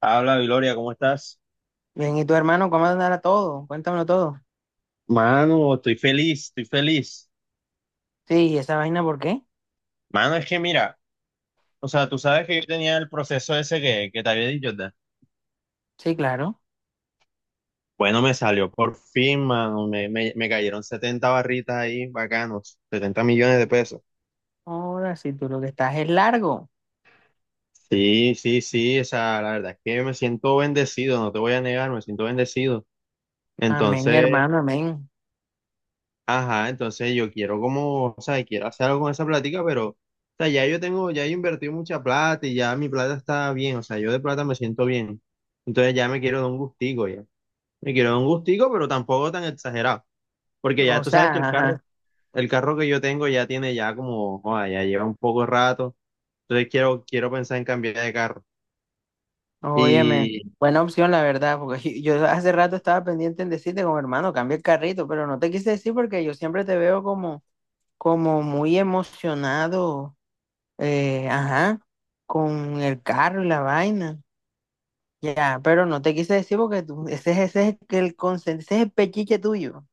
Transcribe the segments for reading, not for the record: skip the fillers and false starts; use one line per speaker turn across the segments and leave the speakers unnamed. Habla, Gloria, ¿cómo estás?
Bien, ¿y tu hermano cómo andará todo? Cuéntamelo todo.
Mano, estoy feliz, estoy feliz.
Sí, ¿y esa vaina por qué?
Mano, es que mira, o sea, tú sabes que yo tenía el proceso ese que te había dicho, ¿verdad?
Sí, claro.
Bueno, me salió por fin, mano. Me cayeron 70 barritas ahí, bacanos. 70 millones de pesos.
Ahora, si tú lo que estás es largo.
Sí, sí, sí, o sea, la verdad es que me siento bendecido, no te voy a negar, me siento bendecido.
Amén,
Entonces,
hermano, amén.
ajá, entonces yo quiero como, o sea, quiero hacer algo con esa plática, pero, o sea, ya yo tengo, ya he invertido mucha plata y ya mi plata está bien, o sea, yo de plata me siento bien. Entonces ya me quiero dar un gustico ya. Me quiero dar un gustico, pero tampoco tan exagerado, porque ya
O
tú sabes que
sea, ajá.
el carro que yo tengo ya tiene ya como, joda, ya lleva un poco de rato, entonces quiero, quiero pensar en cambiar de carro.
Óyeme,
Y
buena opción, la verdad, porque yo hace rato estaba pendiente en decirte como hermano, cambia el carrito, pero no te quise decir porque yo siempre te veo como muy emocionado, ajá, con el carro y la vaina. Ya, pero no te quise decir porque tú, ese es el pechiche tuyo.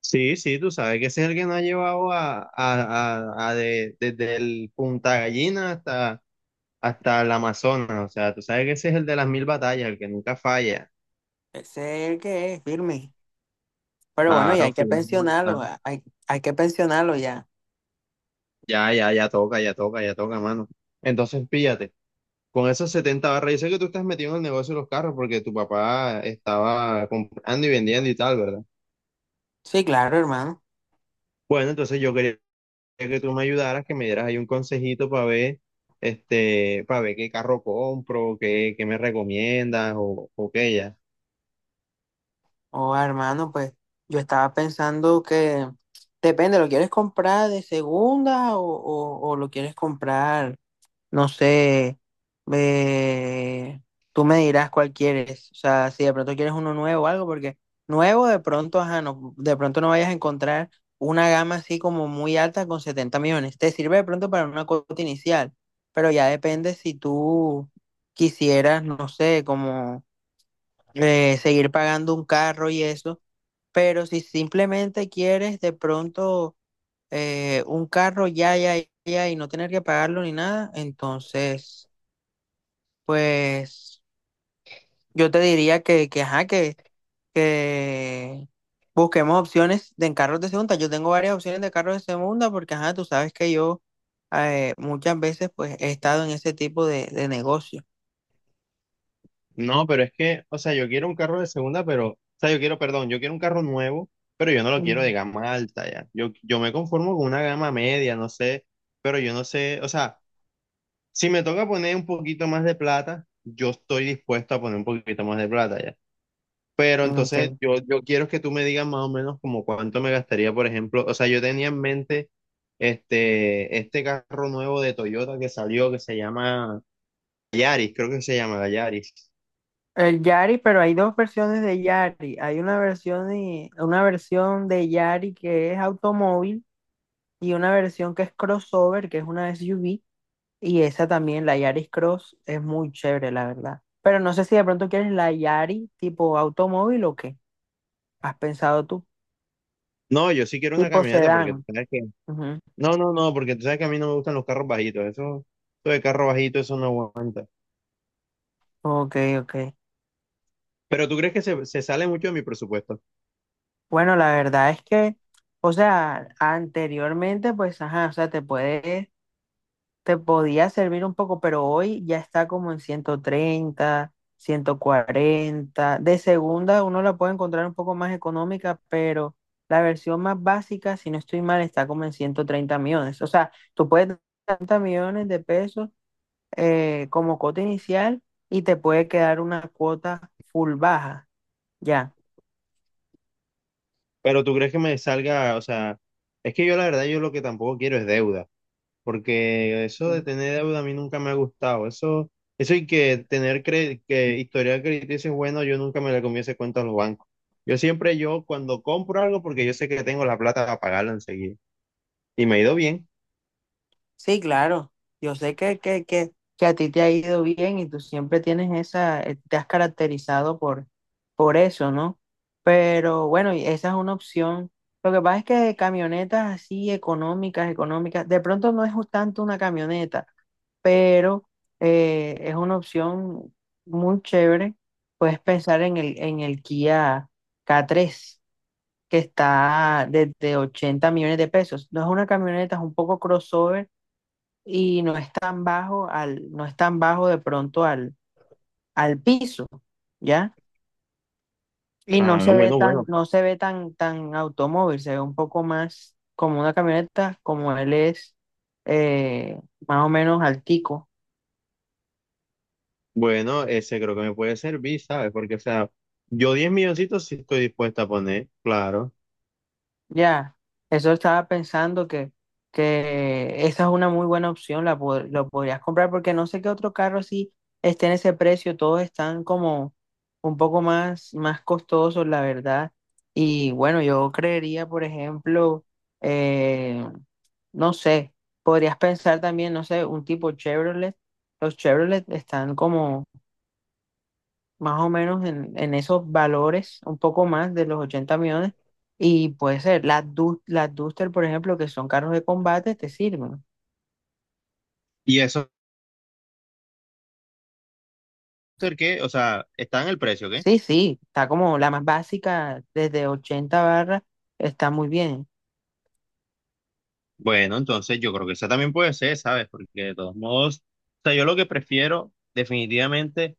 sí, sí, tú sabes que ese es el que nos ha llevado desde el Punta Gallina hasta hasta el Amazonas, o sea, tú sabes que ese es el de las mil batallas, el que nunca falla.
Ese es el que es firme. Pero bueno, ya
Claro,
hay
fue
que
un
pensionarlo,
volcán.
hay que pensionarlo ya.
Ya, ya, ya toca, ya toca, ya toca, mano. Entonces, píllate, con esos 70 barras, yo sé que tú estás metido en el negocio de los carros porque tu papá estaba comprando y vendiendo y tal, ¿verdad?
Sí, claro, hermano.
Bueno, entonces yo quería que tú me ayudaras, que me dieras ahí un consejito para ver, este, para ver qué carro compro, qué me recomiendas o qué ya.
O hermano, pues yo estaba pensando que depende, ¿lo quieres comprar de segunda o lo quieres comprar. No sé, eh, tú me dirás cuál quieres. O sea, si de pronto quieres uno nuevo o algo, porque nuevo de pronto, ajá, no, de pronto no vayas a encontrar una gama así como muy alta con 70 millones. Te sirve de pronto para una cuota inicial, pero ya depende si tú quisieras, no sé, como seguir pagando un carro y eso. Pero si simplemente quieres de pronto un carro ya, ya, ya y no tener que pagarlo ni nada, entonces. Pues yo te diría que ajá, que busquemos opciones de en carros de segunda. Yo tengo varias opciones de carros de segunda porque, ajá, tú sabes que yo muchas veces pues he estado en ese tipo de negocio.
No, pero es que, o sea, yo quiero un carro de segunda, pero, o sea, yo quiero, perdón, yo quiero un carro nuevo, pero yo no lo quiero de
Ujú.
gama alta ya. Yo me conformo con una gama media, no sé, pero yo no sé, o sea, si me toca poner un poquito más de plata, yo estoy dispuesto a poner un poquito más de plata ya. Pero
Ok.
entonces yo quiero que tú me digas más o menos como cuánto me gastaría, por ejemplo, o sea, yo tenía en mente este, este carro nuevo de Toyota que salió, que se llama Yaris, creo que se llama la Yaris.
El Yari, pero hay dos versiones de Yari. Hay una versión de Yari que es automóvil y una versión que es crossover, que es una SUV. Y esa también, la Yaris Cross, es muy chévere, la verdad. Pero no sé si de pronto quieres la Yaris tipo automóvil o qué. ¿Has pensado tú?
No, yo sí quiero una
Tipo
camioneta porque tú
sedán.
sabes que...
Ujú.
No, no, no, porque tú sabes que a mí no me gustan los carros bajitos. Eso de carro bajito, eso no aguanta.
Ok, ok.
Pero tú crees que se sale mucho de mi presupuesto.
Bueno, la verdad es que, o sea, anteriormente, pues, ajá, o sea, te podía servir un poco, pero hoy ya está como en 130, 140. De segunda uno la puede encontrar un poco más económica, pero la versión más básica, si no estoy mal, está como en 130 millones. O sea, tú puedes tener 30 millones de pesos como cuota inicial y te puede quedar una cuota full baja, ya.
Pero tú crees que me salga, o sea, es que yo la verdad, yo lo que tampoco quiero es deuda. Porque eso de tener deuda a mí nunca me ha gustado. Eso y que tener que historial crediticio es bueno, yo nunca me le comí ese cuento a los bancos. Yo siempre, yo cuando compro algo, porque yo sé que tengo la plata para pagarlo enseguida. Y me ha ido bien.
Sí, claro. Yo sé que a ti te ha ido bien y tú siempre tienes te has caracterizado por eso, ¿no? Pero bueno, y esa es una opción. Lo que pasa es que camionetas así económicas, económicas, de pronto no es tanto una camioneta, pero es una opción muy chévere. Puedes pensar en el Kia K3 que está desde 80 millones de pesos. No es una camioneta, es un poco crossover y no es tan bajo al, no es tan bajo de pronto al piso, ¿ya? Y no
Ah,
se ve
bueno,
tan,
bueno.
no se ve tan, tan automóvil, se ve un poco más como una camioneta, como él es eh, más o menos altico.
Bueno, ese creo que me puede servir, ¿sabes? Porque, o sea, yo 10 milloncitos sí estoy dispuesto a poner, claro.
Ya, eso estaba pensando que esa es una muy buena opción, lo podrías comprar porque no sé qué otro carro así esté en ese precio, todos están como un poco más costosos, la verdad. Y bueno, yo creería, por ejemplo, eh, no sé, podrías pensar también, no sé, un tipo Chevrolet. Los Chevrolet están como más o menos en esos valores, un poco más de los 80 millones. Y puede ser, las Duster, por ejemplo, que son carros de combate, te sirven.
Y eso, ¿qué? O sea, está en el precio, ¿qué?
Sí, sí, está como la más básica, desde 80 barras, está muy bien.
Bueno, entonces yo creo que esa también puede ser, ¿sabes? Porque de todos modos, o sea, yo lo que prefiero definitivamente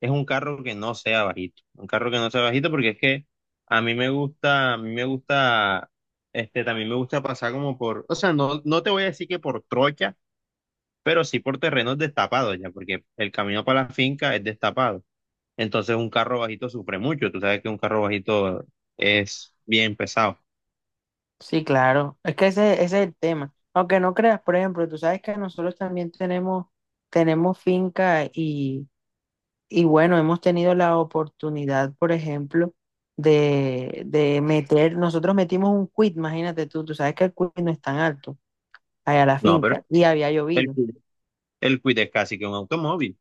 es un carro que no sea bajito. Un carro que no sea bajito porque es que a mí me gusta, a mí me gusta, este, también me gusta pasar como por, o sea, no, no te voy a decir que por trocha pero sí por terrenos destapados ya, porque el camino para la finca es destapado. Entonces un carro bajito sufre mucho, tú sabes que un carro bajito es bien pesado.
Sí, claro, es que ese es el tema. Aunque no creas, por ejemplo, tú sabes que nosotros también tenemos finca. Y bueno, hemos tenido la oportunidad, por ejemplo, nosotros metimos un quit, imagínate tú, sabes que el quit no es tan alto, allá a la
No, pero
finca, y había
el,
llovido.
Kwid- el Kwid es casi que un automóvil.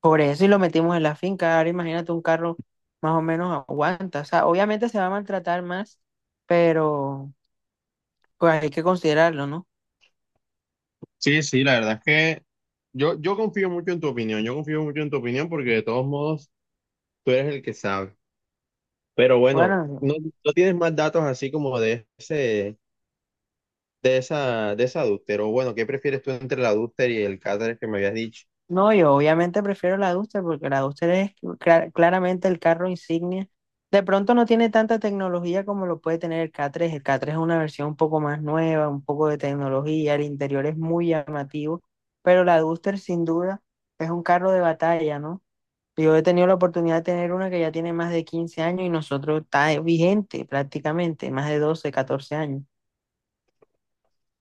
Por eso y lo metimos en la finca. Ahora imagínate un carro más o menos aguanta. O sea, obviamente se va a maltratar más, pero pues hay que considerarlo, ¿no?
Sí, sí, la verdad es que yo confío mucho en tu opinión, yo confío mucho en tu opinión porque de todos modos tú eres el que sabe. Pero bueno,
Bueno,
no, no tienes más datos así como de ese, de esa adúltero. Bueno, ¿qué prefieres tú entre la adúltera y el cáter que me habías dicho?
no, yo obviamente prefiero la Duster porque la Duster es claramente el carro insignia. De pronto no tiene tanta tecnología como lo puede tener el K3. El K3 es una versión un poco más nueva, un poco de tecnología, el interior es muy llamativo, pero la Duster sin duda es un carro de batalla, ¿no? Yo he tenido la oportunidad de tener una que ya tiene más de 15 años y nosotros está vigente prácticamente, más de 12, 14 años.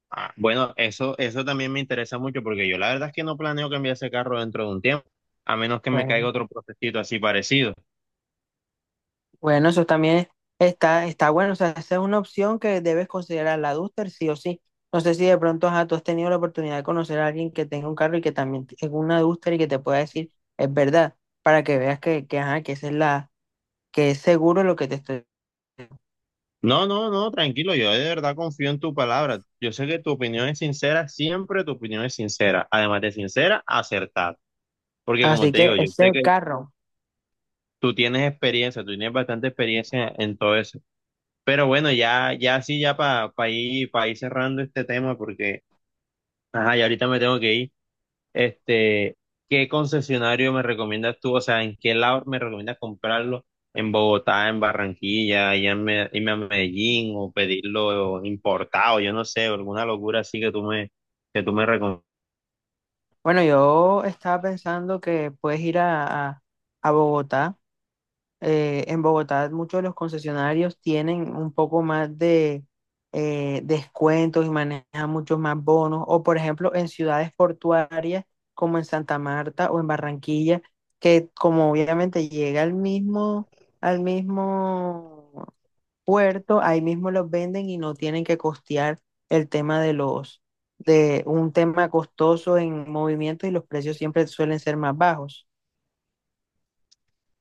Ah, bueno, eso también me interesa mucho porque yo la verdad es que no planeo cambiar ese carro dentro de un tiempo, a menos que me caiga
Bueno,
otro procesito así parecido.
Bueno, eso también está bueno. O sea, esa es una opción que debes considerar la Duster, sí o sí. No sé si de pronto ajá, tú has tenido la oportunidad de conocer a alguien que tenga un carro y que también tenga una Duster y que te pueda decir, es verdad, para que veas que, ajá, que es seguro lo que te estoy.
No, no, no, tranquilo, yo de verdad confío en tu palabra. Yo sé que tu opinión es sincera, siempre tu opinión es sincera, además de sincera, acertada. Porque como
Así
te
que
digo, yo
ese
sé que
carro.
tú tienes experiencia, tú tienes bastante experiencia en todo eso. Pero bueno, ya, ya sí, ya para ir, pa ir cerrando este tema porque, ajá, ya ahorita me tengo que ir. Este, ¿qué concesionario me recomiendas tú? O sea, ¿en qué lado me recomiendas comprarlo? ¿En Bogotá, en Barranquilla, allá en irme a Medellín o pedirlo importado? Yo no sé, alguna locura así que que tú me recomiendas.
Bueno, yo estaba pensando que puedes ir a Bogotá. En Bogotá muchos de los concesionarios tienen un poco más de descuentos y manejan muchos más bonos. O por ejemplo, en ciudades portuarias como en Santa Marta o en Barranquilla, que como obviamente llega al mismo, puerto, ahí mismo los venden y no tienen que costear el tema de un tema costoso en movimiento y los precios siempre suelen ser más bajos.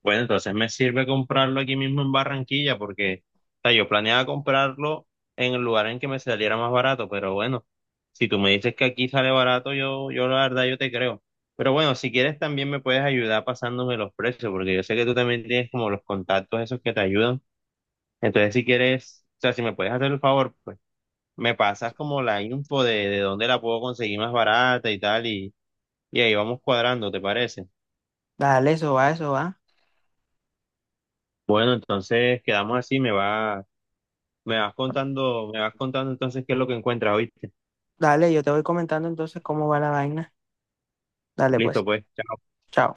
Bueno, entonces me sirve comprarlo aquí mismo en Barranquilla porque, o sea, yo planeaba comprarlo en el lugar en que me saliera más barato, pero bueno, si tú me dices que aquí sale barato, yo la verdad yo te creo. Pero bueno, si quieres también me puedes ayudar pasándome los precios, porque yo sé que tú también tienes como los contactos esos que te ayudan. Entonces, si quieres, o sea, si me puedes hacer el favor, pues me pasas como la info de dónde la puedo conseguir más barata y tal, y ahí vamos cuadrando, ¿te parece?
Dale, eso va, eso va.
Bueno, entonces quedamos así, me va. Me vas contando entonces qué es lo que encuentras, ¿oíste?
Dale, yo te voy comentando entonces cómo va la vaina. Dale,
Listo,
pues,
pues. Chao.
chao.